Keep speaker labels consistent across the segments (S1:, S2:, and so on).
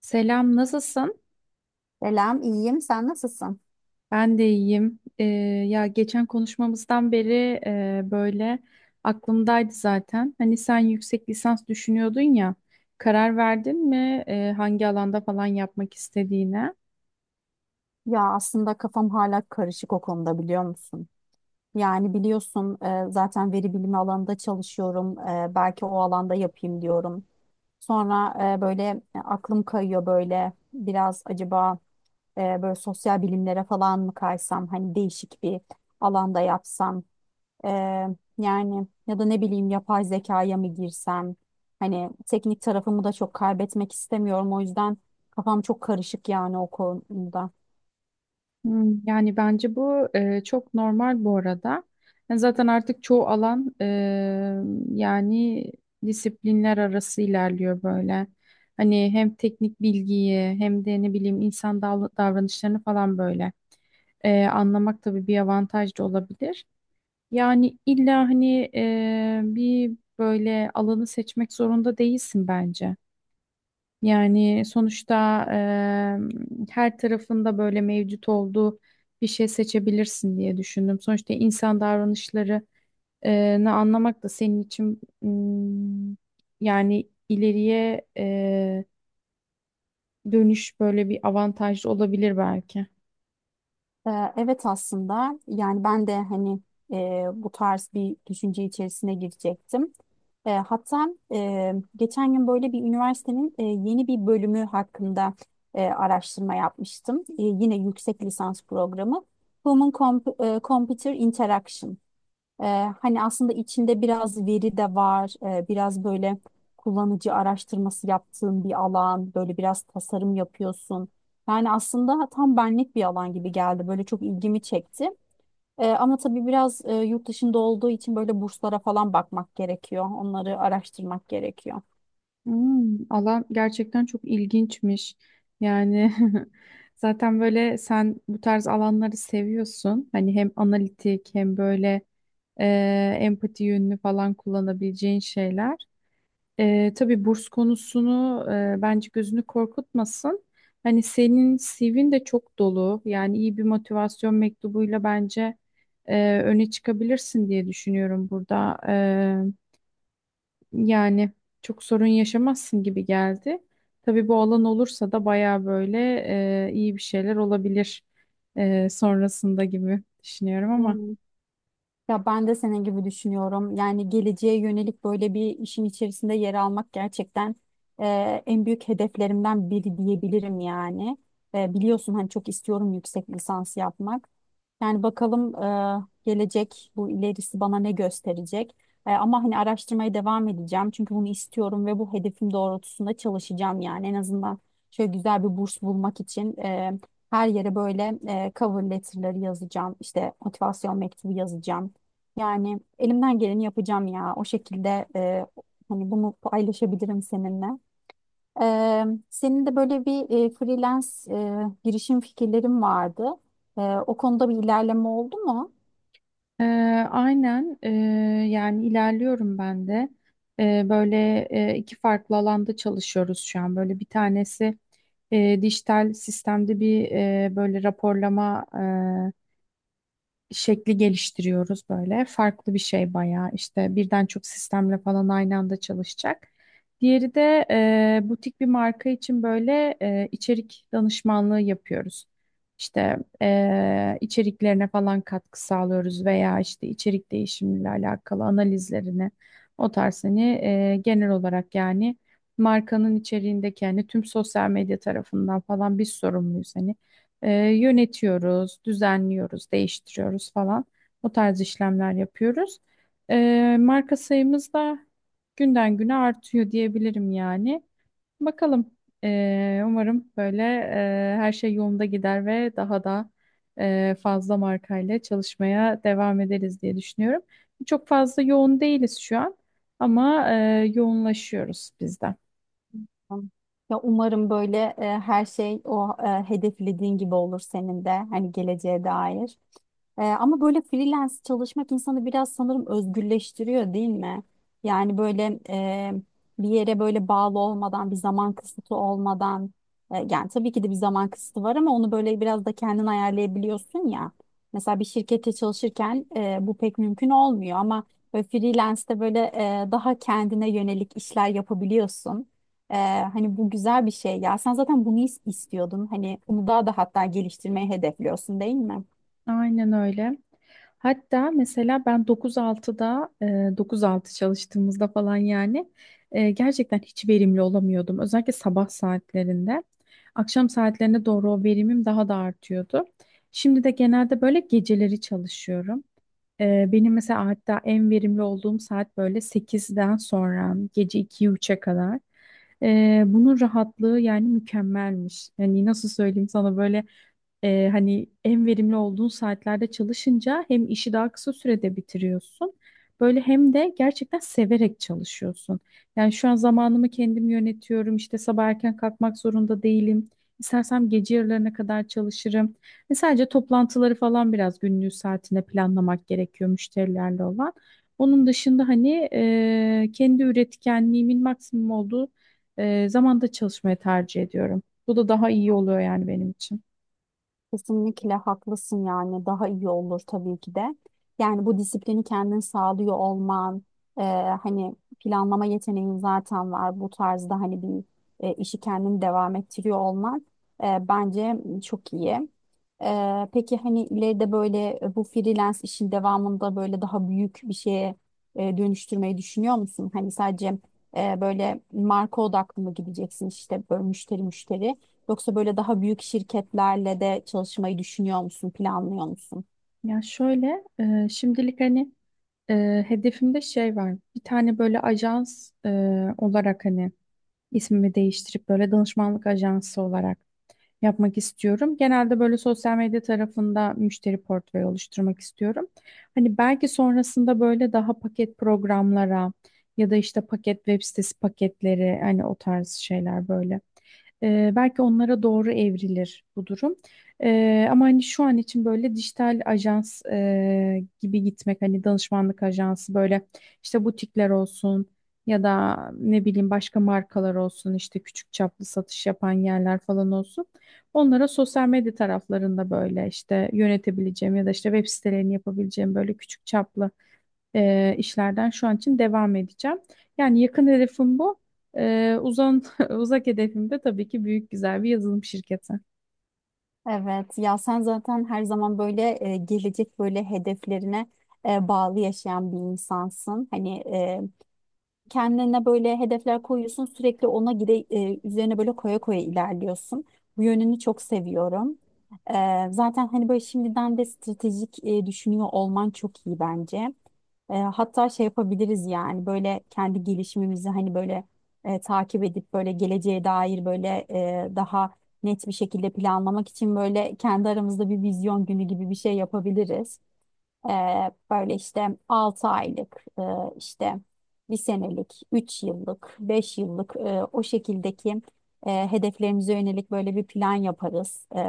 S1: Selam, nasılsın?
S2: Selam, iyiyim. Sen nasılsın?
S1: Ben de iyiyim. Ya geçen konuşmamızdan beri böyle aklımdaydı zaten. Hani sen yüksek lisans düşünüyordun ya, karar verdin mi hangi alanda falan yapmak istediğine?
S2: Ya aslında kafam hala karışık o konuda biliyor musun? Yani biliyorsun zaten veri bilimi alanında çalışıyorum. Belki o alanda yapayım diyorum. Sonra böyle aklım kayıyor böyle biraz acaba böyle sosyal bilimlere falan mı kaysam? Hani değişik bir alanda yapsam. Ee, Yani ya da ne bileyim yapay zekaya mı girsem? Hani teknik tarafımı da çok kaybetmek istemiyorum. O yüzden kafam çok karışık yani o konuda.
S1: Hmm, yani bence bu çok normal bu arada. Yani zaten artık çoğu alan yani disiplinler arası ilerliyor böyle. Hani hem teknik bilgiyi hem de ne bileyim insan davranışlarını falan böyle. Anlamak tabii bir avantaj da olabilir. Yani illa hani bir böyle alanı seçmek zorunda değilsin bence. Yani sonuçta her tarafında böyle mevcut olduğu bir şey seçebilirsin diye düşündüm. Sonuçta insan davranışları ne anlamak da senin için yani ileriye dönüş böyle bir avantaj olabilir belki.
S2: Evet, aslında yani ben de hani bu tarz bir düşünce içerisine girecektim. Hatta geçen gün böyle bir üniversitenin yeni bir bölümü hakkında araştırma yapmıştım. Yine yüksek lisans programı. Human Computer Interaction. Ee, Hani aslında içinde biraz veri de var, biraz böyle kullanıcı araştırması yaptığın bir alan, böyle biraz tasarım yapıyorsun. Yani aslında tam benlik bir alan gibi geldi, böyle çok ilgimi çekti. Ama tabii biraz yurt dışında olduğu için böyle burslara falan bakmak gerekiyor, onları araştırmak gerekiyor.
S1: Hmm, alan gerçekten çok ilginçmiş. Yani zaten böyle sen bu tarz alanları seviyorsun. Hani hem analitik hem böyle e, empati yönünü falan kullanabileceğin şeyler. Tabii burs konusunu bence gözünü korkutmasın. Hani senin CV'n de çok dolu. Yani iyi bir motivasyon mektubuyla bence öne çıkabilirsin diye düşünüyorum burada. Yani çok sorun yaşamazsın gibi geldi. Tabii bu alan olursa da baya böyle iyi bir şeyler olabilir sonrasında gibi düşünüyorum ama.
S2: Hmm. Ya ben de senin gibi düşünüyorum. Yani geleceğe yönelik böyle bir işin içerisinde yer almak gerçekten e, en büyük hedeflerimden biri diyebilirim yani. Biliyorsun hani çok istiyorum yüksek lisans yapmak. Yani bakalım gelecek bu ilerisi bana ne gösterecek. Ama hani araştırmaya devam edeceğim. Çünkü bunu istiyorum ve bu hedefim doğrultusunda çalışacağım yani. En azından şöyle güzel bir burs bulmak için her yere böyle cover letter'ları yazacağım. İşte motivasyon mektubu yazacağım. Yani elimden geleni yapacağım ya. O şekilde hani bunu paylaşabilirim seninle. E, Senin de böyle bir freelance girişim fikirlerin vardı. E, O konuda bir ilerleme oldu mu?
S1: E, aynen, yani ilerliyorum ben de. Böyle iki farklı alanda çalışıyoruz şu an. Böyle bir tanesi dijital sistemde bir böyle raporlama şekli geliştiriyoruz böyle. Farklı bir şey bayağı işte birden çok sistemle falan aynı anda çalışacak. Diğeri de butik bir marka için böyle içerik danışmanlığı yapıyoruz. İşte içeriklerine falan katkı sağlıyoruz veya işte içerik değişimiyle alakalı analizlerini o tarz hani genel olarak yani markanın içeriğindeki yani tüm sosyal medya tarafından falan biz sorumluyuz hani. Yönetiyoruz, düzenliyoruz, değiştiriyoruz falan. O tarz işlemler yapıyoruz. Marka sayımız da günden güne artıyor diyebilirim yani. Bakalım. Umarım böyle her şey yolunda gider ve daha da fazla markayla çalışmaya devam ederiz diye düşünüyorum. Çok fazla yoğun değiliz şu an ama yoğunlaşıyoruz biz de.
S2: Ya umarım böyle her şey o hedeflediğin gibi olur senin de hani geleceğe dair. Ama böyle freelance çalışmak insanı biraz sanırım özgürleştiriyor değil mi? Yani böyle bir yere böyle bağlı olmadan, bir zaman kısıtı olmadan yani tabii ki de bir zaman kısıtı var ama onu böyle biraz da kendin ayarlayabiliyorsun ya. Mesela bir şirkette çalışırken bu pek mümkün olmuyor ama böyle freelance'de böyle daha kendine yönelik işler yapabiliyorsun. Ee, Hani bu güzel bir şey ya. Sen zaten bunu istiyordun. Hani bunu daha da hatta geliştirmeyi hedefliyorsun değil mi?
S1: Aynen öyle. Hatta mesela ben 9-6'da, 9-6 çalıştığımızda falan yani gerçekten hiç verimli olamıyordum. Özellikle sabah saatlerinde. Akşam saatlerine doğru o verimim daha da artıyordu. Şimdi de genelde böyle geceleri çalışıyorum. Benim mesela hatta en verimli olduğum saat böyle 8'den sonra gece 2'ye 3'e kadar. Bunun rahatlığı yani mükemmelmiş. Yani nasıl söyleyeyim sana böyle hani en verimli olduğun saatlerde çalışınca hem işi daha kısa sürede bitiriyorsun. Böyle hem de gerçekten severek çalışıyorsun. Yani şu an zamanımı kendim yönetiyorum. İşte sabah erken kalkmak zorunda değilim. İstersem gece yarılarına kadar çalışırım. Ve sadece toplantıları falan biraz günlüğü saatine planlamak gerekiyor müşterilerle olan. Onun dışında hani kendi üretkenliğimin maksimum olduğu zamanda çalışmayı tercih ediyorum. Bu da daha iyi oluyor yani benim için.
S2: Kesinlikle haklısın yani daha iyi olur tabii ki de. Yani bu disiplini kendin sağlıyor olman, e, hani planlama yeteneğin zaten var. Bu tarzda hani bir işi kendin devam ettiriyor olman bence çok iyi. Peki hani ileride böyle bu freelance işin devamında böyle daha büyük bir şeye dönüştürmeyi düşünüyor musun? Hani sadece böyle marka odaklı mı gideceksin işte böyle müşteri müşteri? Yoksa böyle daha büyük şirketlerle de çalışmayı düşünüyor musun, planlıyor musun?
S1: Ya şöyle, şimdilik hani hedefimde şey var. Bir tane böyle ajans olarak hani ismimi değiştirip böyle danışmanlık ajansı olarak yapmak istiyorum. Genelde böyle sosyal medya tarafında müşteri portföyü oluşturmak istiyorum. Hani belki sonrasında böyle daha paket programlara ya da işte paket web sitesi paketleri hani o tarz şeyler böyle. Belki onlara doğru evrilir bu durum. Ama hani şu an için böyle dijital ajans gibi gitmek hani danışmanlık ajansı böyle işte butikler olsun ya da ne bileyim başka markalar olsun işte küçük çaplı satış yapan yerler falan olsun. Onlara sosyal medya taraflarında böyle işte yönetebileceğim ya da işte web sitelerini yapabileceğim böyle küçük çaplı işlerden şu an için devam edeceğim. Yani yakın hedefim bu. E, Uzak hedefim de tabii ki büyük güzel bir yazılım şirketi.
S2: Evet, ya sen zaten her zaman böyle gelecek böyle hedeflerine bağlı yaşayan bir insansın. Hani kendine böyle hedefler koyuyorsun, sürekli ona üzerine böyle koya koya ilerliyorsun. Bu yönünü çok seviyorum. E, Zaten hani böyle şimdiden de stratejik düşünüyor olman çok iyi bence. Hatta şey yapabiliriz yani böyle kendi gelişimimizi hani böyle takip edip böyle geleceğe dair böyle daha net bir şekilde planlamak için böyle kendi aramızda bir vizyon günü gibi bir şey yapabiliriz. E, Böyle işte 6 aylık işte bir senelik, 3 yıllık, 5 yıllık o şekildeki hedeflerimize yönelik böyle bir plan yaparız.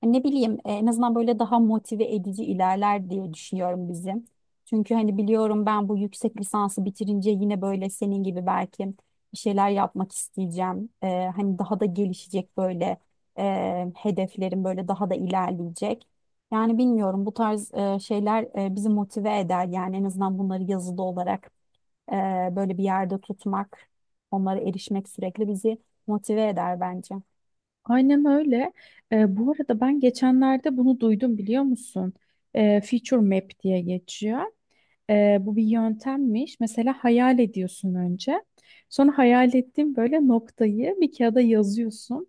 S2: Hani ne bileyim en azından böyle daha motive edici ilerler diye düşünüyorum bizim. Çünkü hani biliyorum ben bu yüksek lisansı bitirince yine böyle senin gibi belki bir şeyler yapmak isteyeceğim. Hani daha da gelişecek böyle hedeflerim böyle daha da ilerleyecek. Yani bilmiyorum bu tarz şeyler bizi motive eder. Yani en azından bunları yazılı olarak e, böyle bir yerde tutmak, onlara erişmek sürekli bizi motive eder bence.
S1: Aynen öyle. Bu arada ben geçenlerde bunu duydum biliyor musun? Feature Map diye geçiyor. Bu bir yöntemmiş. Mesela hayal ediyorsun önce. Sonra hayal ettiğin böyle noktayı bir kağıda yazıyorsun.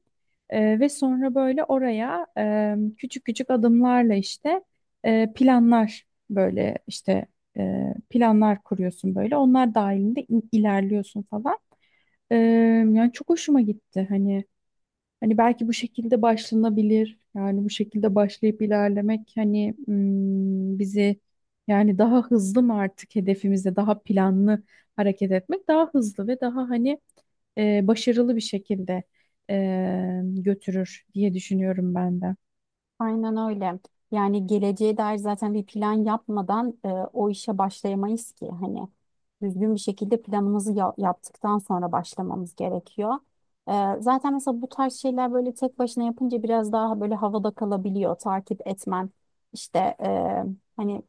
S1: Ve sonra böyle oraya küçük küçük adımlarla işte planlar böyle işte planlar kuruyorsun böyle. Onlar dahilinde ilerliyorsun falan. Ee, yani çok hoşuma gitti hani belki bu şekilde başlanabilir yani bu şekilde başlayıp ilerlemek hani, bizi yani daha hızlı mı artık hedefimizde daha planlı hareket etmek daha hızlı ve daha hani başarılı bir şekilde götürür diye düşünüyorum ben de.
S2: Aynen öyle. Yani geleceğe dair zaten bir plan yapmadan o işe başlayamayız ki. Hani düzgün bir şekilde planımızı yaptıktan sonra başlamamız gerekiyor. E, Zaten mesela bu tarz şeyler böyle tek başına yapınca biraz daha böyle havada kalabiliyor. Takip etmen işte hani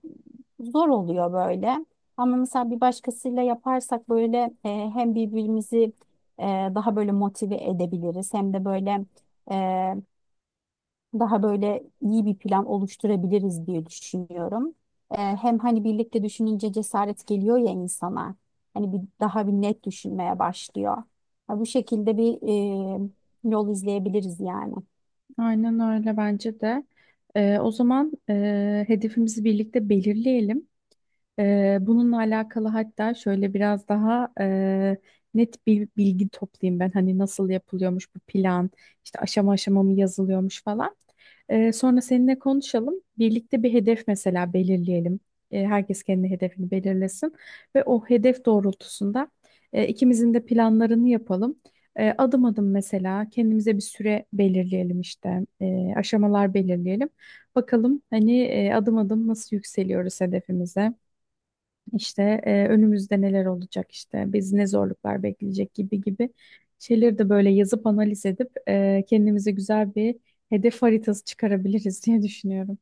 S2: zor oluyor böyle. Ama mesela bir başkasıyla yaparsak böyle hem birbirimizi e, daha böyle motive edebiliriz hem de böyle... e, daha böyle iyi bir plan oluşturabiliriz diye düşünüyorum. Hem hani birlikte düşününce cesaret geliyor ya insana. Hani bir daha bir net düşünmeye başlıyor. Ha, bu şekilde bir e, yol izleyebiliriz yani.
S1: Aynen öyle bence de. O zaman hedefimizi birlikte belirleyelim. Bununla alakalı hatta şöyle biraz daha net bir bilgi toplayayım ben. Hani nasıl yapılıyormuş bu plan, işte aşama aşama mı yazılıyormuş falan. Sonra seninle konuşalım. Birlikte bir hedef mesela belirleyelim. Herkes kendi hedefini belirlesin ve o hedef doğrultusunda ikimizin de planlarını yapalım. Adım adım mesela kendimize bir süre belirleyelim işte. Aşamalar belirleyelim. Bakalım hani adım adım nasıl yükseliyoruz hedefimize. İşte önümüzde neler olacak, işte biz ne zorluklar bekleyecek gibi gibi şeyleri de böyle yazıp analiz edip kendimize güzel bir hedef haritası çıkarabiliriz diye düşünüyorum.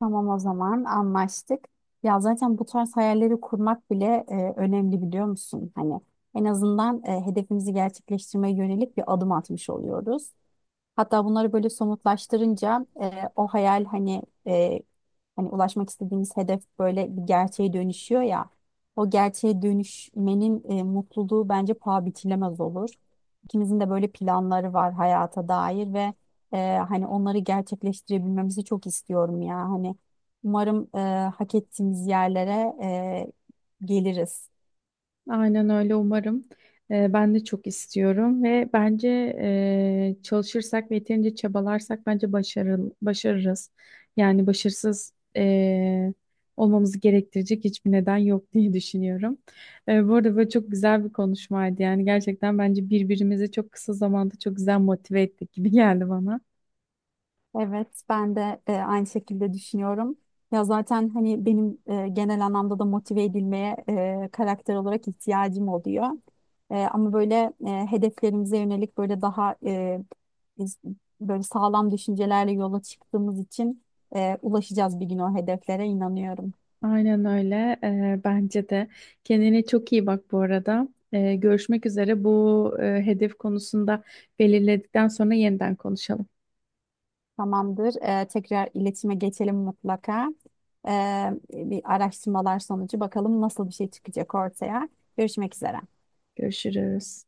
S2: Tamam, o zaman anlaştık. Ya zaten bu tarz hayalleri kurmak bile önemli, biliyor musun? Hani en azından hedefimizi gerçekleştirmeye yönelik bir adım atmış oluyoruz. Hatta bunları böyle somutlaştırınca o hayal hani hani ulaşmak istediğimiz hedef böyle bir gerçeğe dönüşüyor ya. O gerçeğe dönüşmenin mutluluğu bence paha biçilemez olur. İkimizin de böyle planları var hayata dair ve hani onları gerçekleştirebilmemizi çok istiyorum ya. Hani umarım hak ettiğimiz yerlere geliriz.
S1: Aynen öyle umarım. Ben de çok istiyorum ve bence çalışırsak ve yeterince çabalarsak bence başarırız. Yani başarısız olmamızı gerektirecek hiçbir neden yok diye düşünüyorum. Bu arada böyle çok güzel bir konuşmaydı. Yani gerçekten bence birbirimizi çok kısa zamanda çok güzel motive ettik gibi geldi bana.
S2: Evet, ben de aynı şekilde düşünüyorum. Ya zaten hani benim genel anlamda da motive edilmeye karakter olarak ihtiyacım oluyor. Ama böyle hedeflerimize yönelik böyle daha biz böyle sağlam düşüncelerle yola çıktığımız için ulaşacağız bir gün o hedeflere inanıyorum.
S1: Aynen öyle. Bence de. Kendine çok iyi bak bu arada. Görüşmek üzere. Bu hedef konusunda belirledikten sonra yeniden konuşalım.
S2: Tamamdır. Tekrar iletişime geçelim mutlaka. E, Bir araştırmalar sonucu bakalım nasıl bir şey çıkacak ortaya. Görüşmek üzere.
S1: Görüşürüz.